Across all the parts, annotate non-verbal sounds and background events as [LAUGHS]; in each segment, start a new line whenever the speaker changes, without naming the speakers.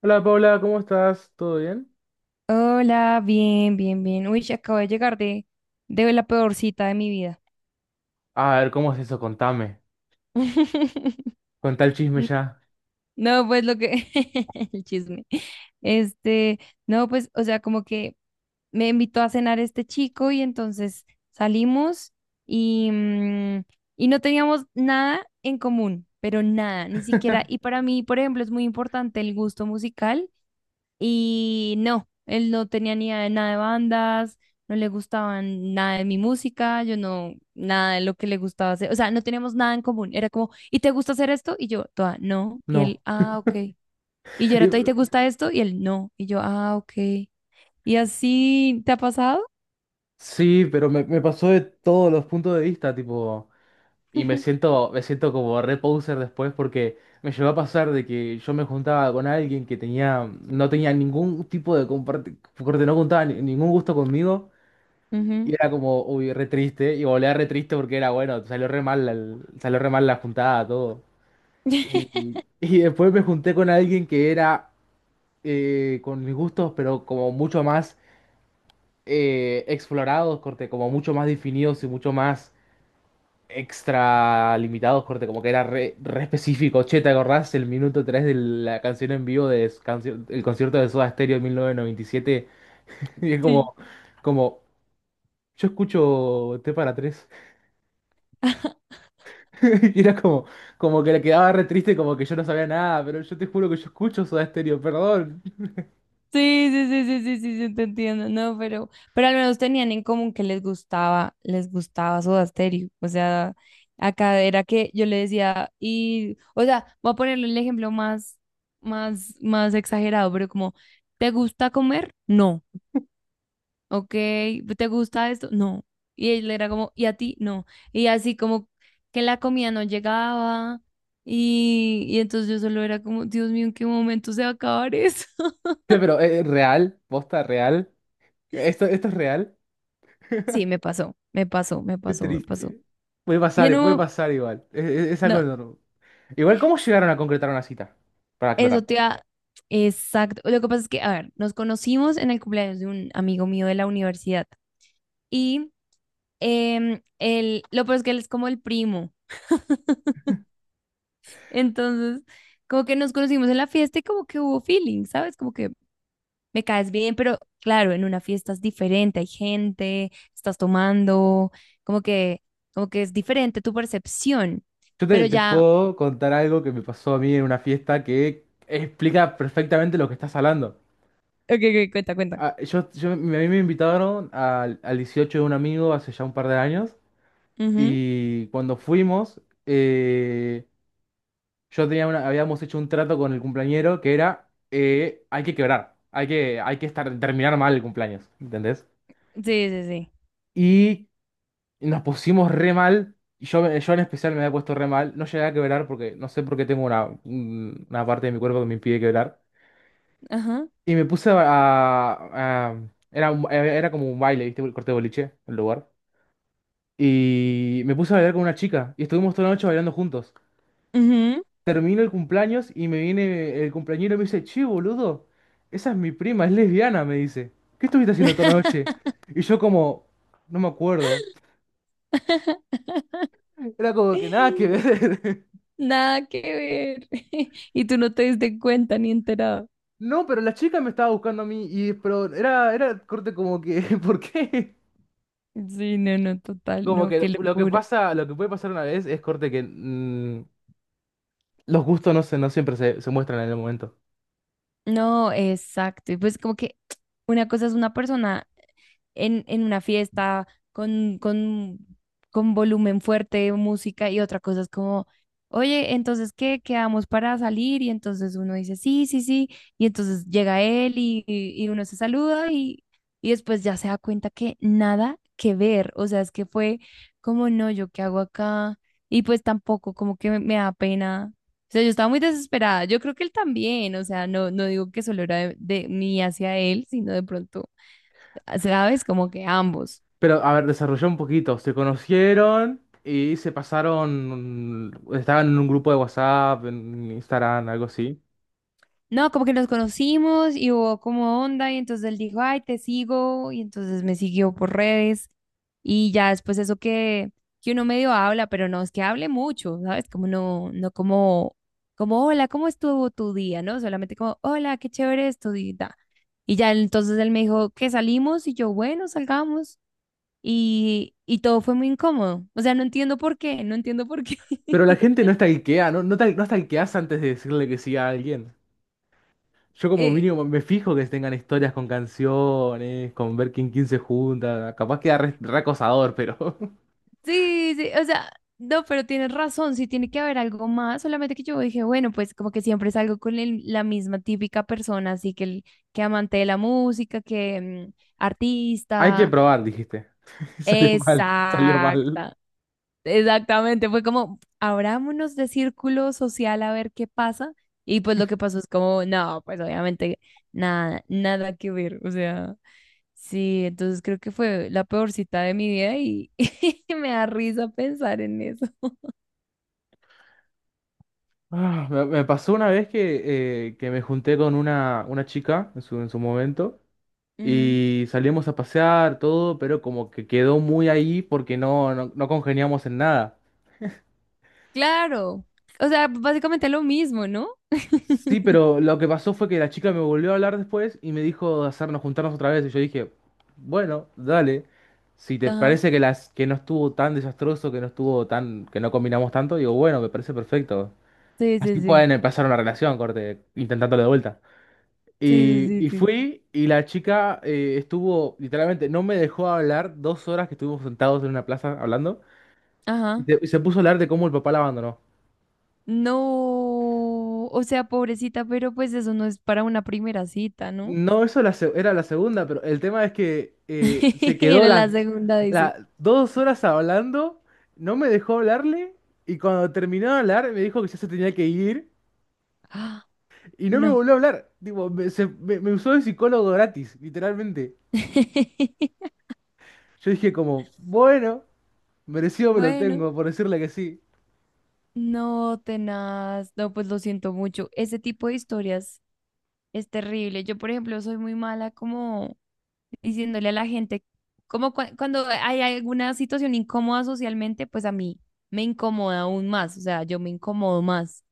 Hola Paula, ¿cómo estás? ¿Todo bien?
Hola, bien, bien, bien. Uy, acabo de llegar de la peor cita de mi vida.
A ver, ¿cómo es eso? Contame.
[LAUGHS]
Contá el chisme
N-
ya.
No, pues lo que... [LAUGHS] el chisme. Este, no, pues, o sea, como que me invitó a cenar este chico y entonces salimos y, y no teníamos nada en común, pero nada, ni siquiera. Y para mí, por ejemplo, es muy importante el gusto musical. Y no, él no tenía ni idea de nada de bandas, no le gustaban nada de mi música, yo no, nada de lo que le gustaba hacer, o sea, no teníamos nada en común, era como, ¿y te gusta hacer esto? Y yo, toda, no, y
No.
él, ah, ok. Y yo
[LAUGHS] Y-
era toda, ¿y te gusta esto? Y él, no, y yo, ah, ok. ¿Y así te ha pasado?
Sí, pero me pasó de todos los puntos de vista, tipo.
[LAUGHS]
Y
Ujú.
me siento como re poser después porque me llegó a pasar de que yo me juntaba con alguien que tenía, no tenía ningún tipo de comparte, corte, no juntaba ningún gusto conmigo y era como, uy, re triste y volvía re triste porque era bueno, salió re mal, salió re mal la juntada, todo.
[LAUGHS]
Y, y- Después me junté con alguien que era con mis gustos, pero como mucho más explorados, corte, como mucho más definidos y mucho más extra limitados, corte, como que era re, re específico. Che, ¿te acordás el minuto 3 de la canción en vivo del el concierto de Soda Stereo en 1997? ¿Y siete? [LAUGHS] Y es
Sí.
como, como, yo escucho T para tres.
[LAUGHS]
[LAUGHS] Y era como, como que le quedaba re triste, como que yo no sabía nada, pero yo te juro que yo escucho Soda Stereo, perdón.
Sí, sí, sí, sí, sí, sí, sí, te entiendo. No, pero al menos tenían en común que les gustaba Soda Stereo. O sea, acá era que yo le decía, y, o sea, voy a ponerle el ejemplo más, más, más exagerado, pero como, ¿te gusta comer? No. ¿Ok? ¿Te gusta esto? No. Y él era como, ¿y a ti? No. Y así como que la comida no llegaba. Y entonces yo solo era como, Dios mío, ¿en qué momento se va a acabar eso?
[LAUGHS] Che, pero es real, posta real. Esto es real.
Sí, me pasó, me pasó, me
Qué
pasó, me pasó.
triste.
Y en
Puede
un,
pasar igual. Es, es algo
no,
enorme. Igual, ¿cómo llegaron a concretar una cita? Para
eso
aclarar.
te da, exacto. Lo que pasa es que, a ver, nos conocimos en el cumpleaños de un amigo mío de la universidad y él, lo peor es que él es como el primo. Entonces, como que nos conocimos en la fiesta y como que hubo feeling, ¿sabes? Como que me caes bien, pero claro, en una fiesta es diferente, hay gente, estás tomando, como que, como que es diferente tu percepción,
Yo te,
pero
te
ya,
puedo contar algo que me pasó a mí en una fiesta que explica perfectamente lo que estás hablando.
ok, ok, cuenta,
Ah, yo, a mí me invitaron al, al 18 de un amigo hace ya un par de años
cuenta.
y cuando fuimos, eh, yo tenía una, habíamos hecho un trato con el cumpleañero que era, hay que quebrar, hay que estar, terminar mal el cumpleaños, ¿entendés?
Sí, sí, sí.
Y y nos pusimos re mal. Y yo en especial me había puesto re mal. No llegué a quebrar porque no sé por qué tengo una, una parte de mi cuerpo que me impide quebrar.
Ajá.
Y me puse a... a- a- era, era como un baile, ¿viste? El corte de boliche, el lugar. Y me puse a bailar con una chica. Y estuvimos toda la noche bailando juntos.
Ujú.
Termino el cumpleaños y me viene el cumpleañero y me dice, che, boludo, esa es mi prima, es lesbiana, me dice. ¿Qué estuviste haciendo toda la noche?
[LAUGHS]
Y yo como, no me acuerdo. Era como que nada que ver. [LAUGHS]
Nada que ver. [LAUGHS] Y tú no te diste cuenta ni enterado.
No, pero la chica me estaba buscando a mí y pero era, era corte como que, [LAUGHS] ¿por qué?
Sí, no, no, total,
Como
no,
que
qué
lo que
locura.
pasa, lo que puede pasar una vez es corte que los gustos no se, no siempre se, se muestran en el momento.
No, exacto. Y pues como que [TSK] una cosa es una persona en una fiesta con, con, con volumen fuerte, música y otra cosa es como, oye, entonces, ¿qué? Quedamos para salir y entonces uno dice, sí, sí, sí, y entonces llega él y, y uno se saluda y después ya se da cuenta que nada que ver, o sea, es que fue como, no, yo qué hago acá y pues tampoco, como que me da pena. O sea, yo estaba muy desesperada. Yo creo que él también, o sea, no, no digo que solo era de mí hacia él, sino de pronto ¿sabes? Como que ambos.
Pero a ver, desarrolló un poquito. Se conocieron y se pasaron, estaban en un grupo de WhatsApp, en Instagram, algo así.
No, como que nos conocimos y hubo como onda y entonces él dijo, ay, te sigo y entonces me siguió por redes y ya después eso que uno medio habla, pero no es que hable mucho, ¿sabes? Como no, no como, como, hola, ¿cómo estuvo tu día? ¿No? Solamente como, hola, qué chévere es tu día. Y ya entonces él me dijo que salimos y yo, bueno, salgamos. Y todo fue muy incómodo. O sea, no entiendo por qué, no entiendo por qué. [LAUGHS]
Pero la gente no está no, no, no stalkeas antes de decirle que sí a alguien. Yo como
Eh,
mínimo me fijo que tengan historias con canciones, con ver quién, quién se junta. Capaz queda re, re acosador, pero [LAUGHS]
Sí, sí, o sea, no, pero tienes razón, sí tiene que haber algo más, solamente que yo dije, bueno, pues como que siempre salgo con la misma típica persona, así que, que amante de la música, que
hay que
artista,
probar, dijiste. [LAUGHS] Salió mal, salió mal.
exacta, exactamente, fue como, abrámonos de círculo social a ver qué pasa. Y pues lo que pasó es como, no, pues obviamente nada, nada que ver. O sea, sí, entonces creo que fue la peor cita de mi vida y, [LAUGHS] me da risa pensar en eso.
Ah, me pasó una vez que me junté con una chica en su momento
Ujú.
y salimos a pasear, todo, pero como que quedó muy ahí porque no, no, no congeniamos en nada.
Claro. O sea, básicamente lo mismo, ¿no?
Sí, pero lo que pasó fue que la chica me volvió a hablar después y me dijo de hacernos juntarnos otra vez. Y yo dije, bueno, dale. Si te
Ajá.
parece que las que no estuvo tan desastroso, que no estuvo tan, que no combinamos tanto, digo, bueno, me parece perfecto.
Sí,
Así
sí, sí.
pueden empezar una relación, corte, intentándolo de vuelta.
Sí, sí, sí,
Y
sí.
fui y la chica estuvo, literalmente, no me dejó hablar dos horas que estuvimos sentados en una plaza hablando
Ajá.
y se puso a hablar de cómo el papá la abandonó.
No, o sea, pobrecita, pero pues eso no es para una primera cita, ¿no?
No, eso era la segunda, pero el tema es que se
[LAUGHS]
quedó
Era la
la,
segunda, dice.
dos horas hablando, no me dejó hablarle y cuando terminó de hablar me dijo que ya se tenía que ir
"Ah,
y no me
no."
volvió a hablar. Tipo, me, me usó de psicólogo gratis, literalmente.
[LAUGHS]
Yo dije como, bueno, merecido me lo
Bueno,
tengo por decirle que sí.
no, tenaz. No, pues lo siento mucho. Ese tipo de historias es terrible. Yo, por ejemplo, soy muy mala como diciéndole a la gente, como cuando hay alguna situación incómoda socialmente, pues a mí me incomoda aún más. O sea, yo me incomodo más.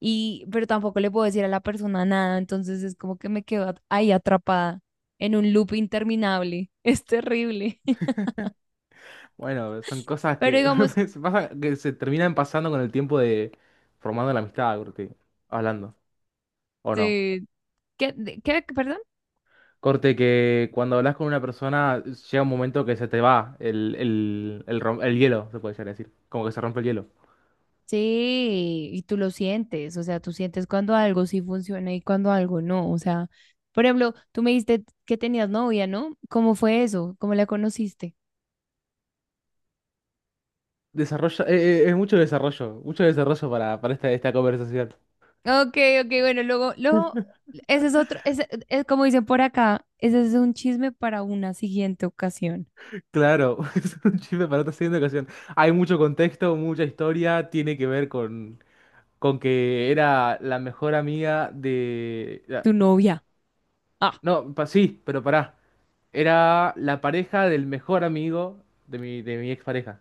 Y, pero tampoco le puedo decir a la persona nada. Entonces es como que me quedo ahí atrapada en un loop interminable. [LAUGHS] Es terrible. [LAUGHS]
Bueno, son cosas
Pero
que,
digamos,
[LAUGHS] que se terminan pasando con el tiempo de formando la amistad, creo que, hablando, ¿o no?
sí. ¿Qué, qué, perdón?
Corte que cuando hablas con una persona llega un momento que se te va el, el hielo, se puede llegar a decir. Como que se rompe el hielo.
Sí, y tú lo sientes, o sea, tú sientes cuando algo sí funciona y cuando algo no, o sea, por ejemplo, tú me dijiste que tenías novia, ¿no? ¿Cómo fue eso? ¿Cómo la conociste?
Desarrollo, es mucho desarrollo para esta, esta conversación.
Okay, okay, bueno, luego, luego, ese es otro, ese, es como dicen por acá, ese es un chisme para una siguiente ocasión,
Claro, [LAUGHS] es un chisme para otra siguiente ocasión. Hay mucho contexto, mucha historia, tiene que ver con que era la mejor amiga de...
tu novia.
No, sí, pero pará. Era la pareja del mejor amigo de mi expareja.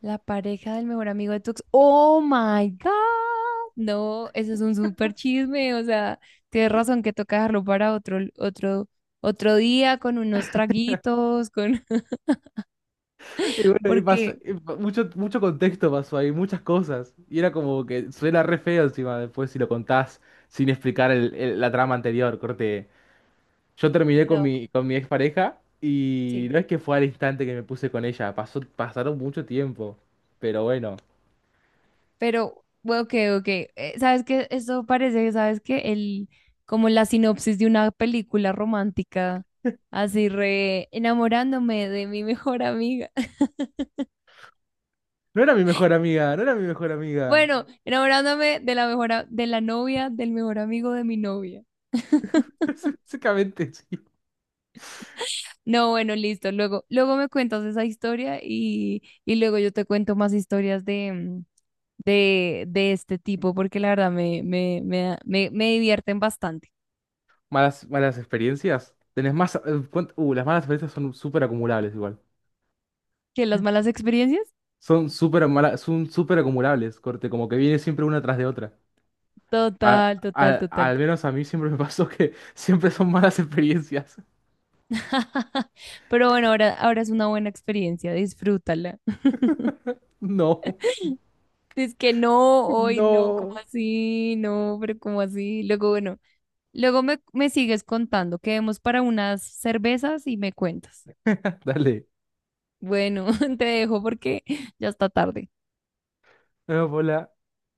La pareja del mejor amigo de tu ex. ¡Oh my God! No, eso es un súper chisme. O sea, tienes razón que toca dejarlo para otro, otro, otro día con unos traguitos, con. [LAUGHS]
Y bueno,
Porque,
mucho, mucho contexto pasó ahí, muchas cosas. Y era como que suena re feo encima después si lo contás sin explicar la trama anterior. Corte, yo terminé
no,
con mi expareja y
sí.
no es que fue al instante que me puse con ella, pasó, pasaron mucho tiempo. Pero bueno,
Pero, bueno, ok, ok. ¿Sabes qué? Eso parece, ¿sabes qué? El, como la sinopsis de una película romántica. Así re enamorándome de mi mejor amiga. [LAUGHS]
no era mi mejor amiga, no era mi mejor amiga.
Bueno, enamorándome de la mejor, de la novia del mejor amigo de mi novia.
[LAUGHS] Básicamente, sí.
No, bueno, listo. Luego, luego me cuentas esa historia y luego yo te cuento más historias de, de este tipo, porque la verdad me, me, me, me, me divierten bastante.
Malas, malas experiencias. Tenés más... las malas experiencias son súper acumulables igual.
¿Qué, las malas experiencias?
Son son súper acumulables, corte, como que viene siempre una tras de otra. A-
Total, total, total.
Al menos a mí siempre [LAUGHS] me pasó que siempre son malas experiencias. [LAUGHS]
[LAUGHS] Pero bueno, ahora, ahora es una buena experiencia, disfrútala. [LAUGHS]
No,
Es que no, hoy no, ¿cómo
no.
así? No, pero ¿cómo así? Luego, bueno, luego me, me sigues contando, quedemos para unas cervezas y me cuentas.
Dale.
Bueno, [LAUGHS] te dejo porque ya está tarde.
Hola,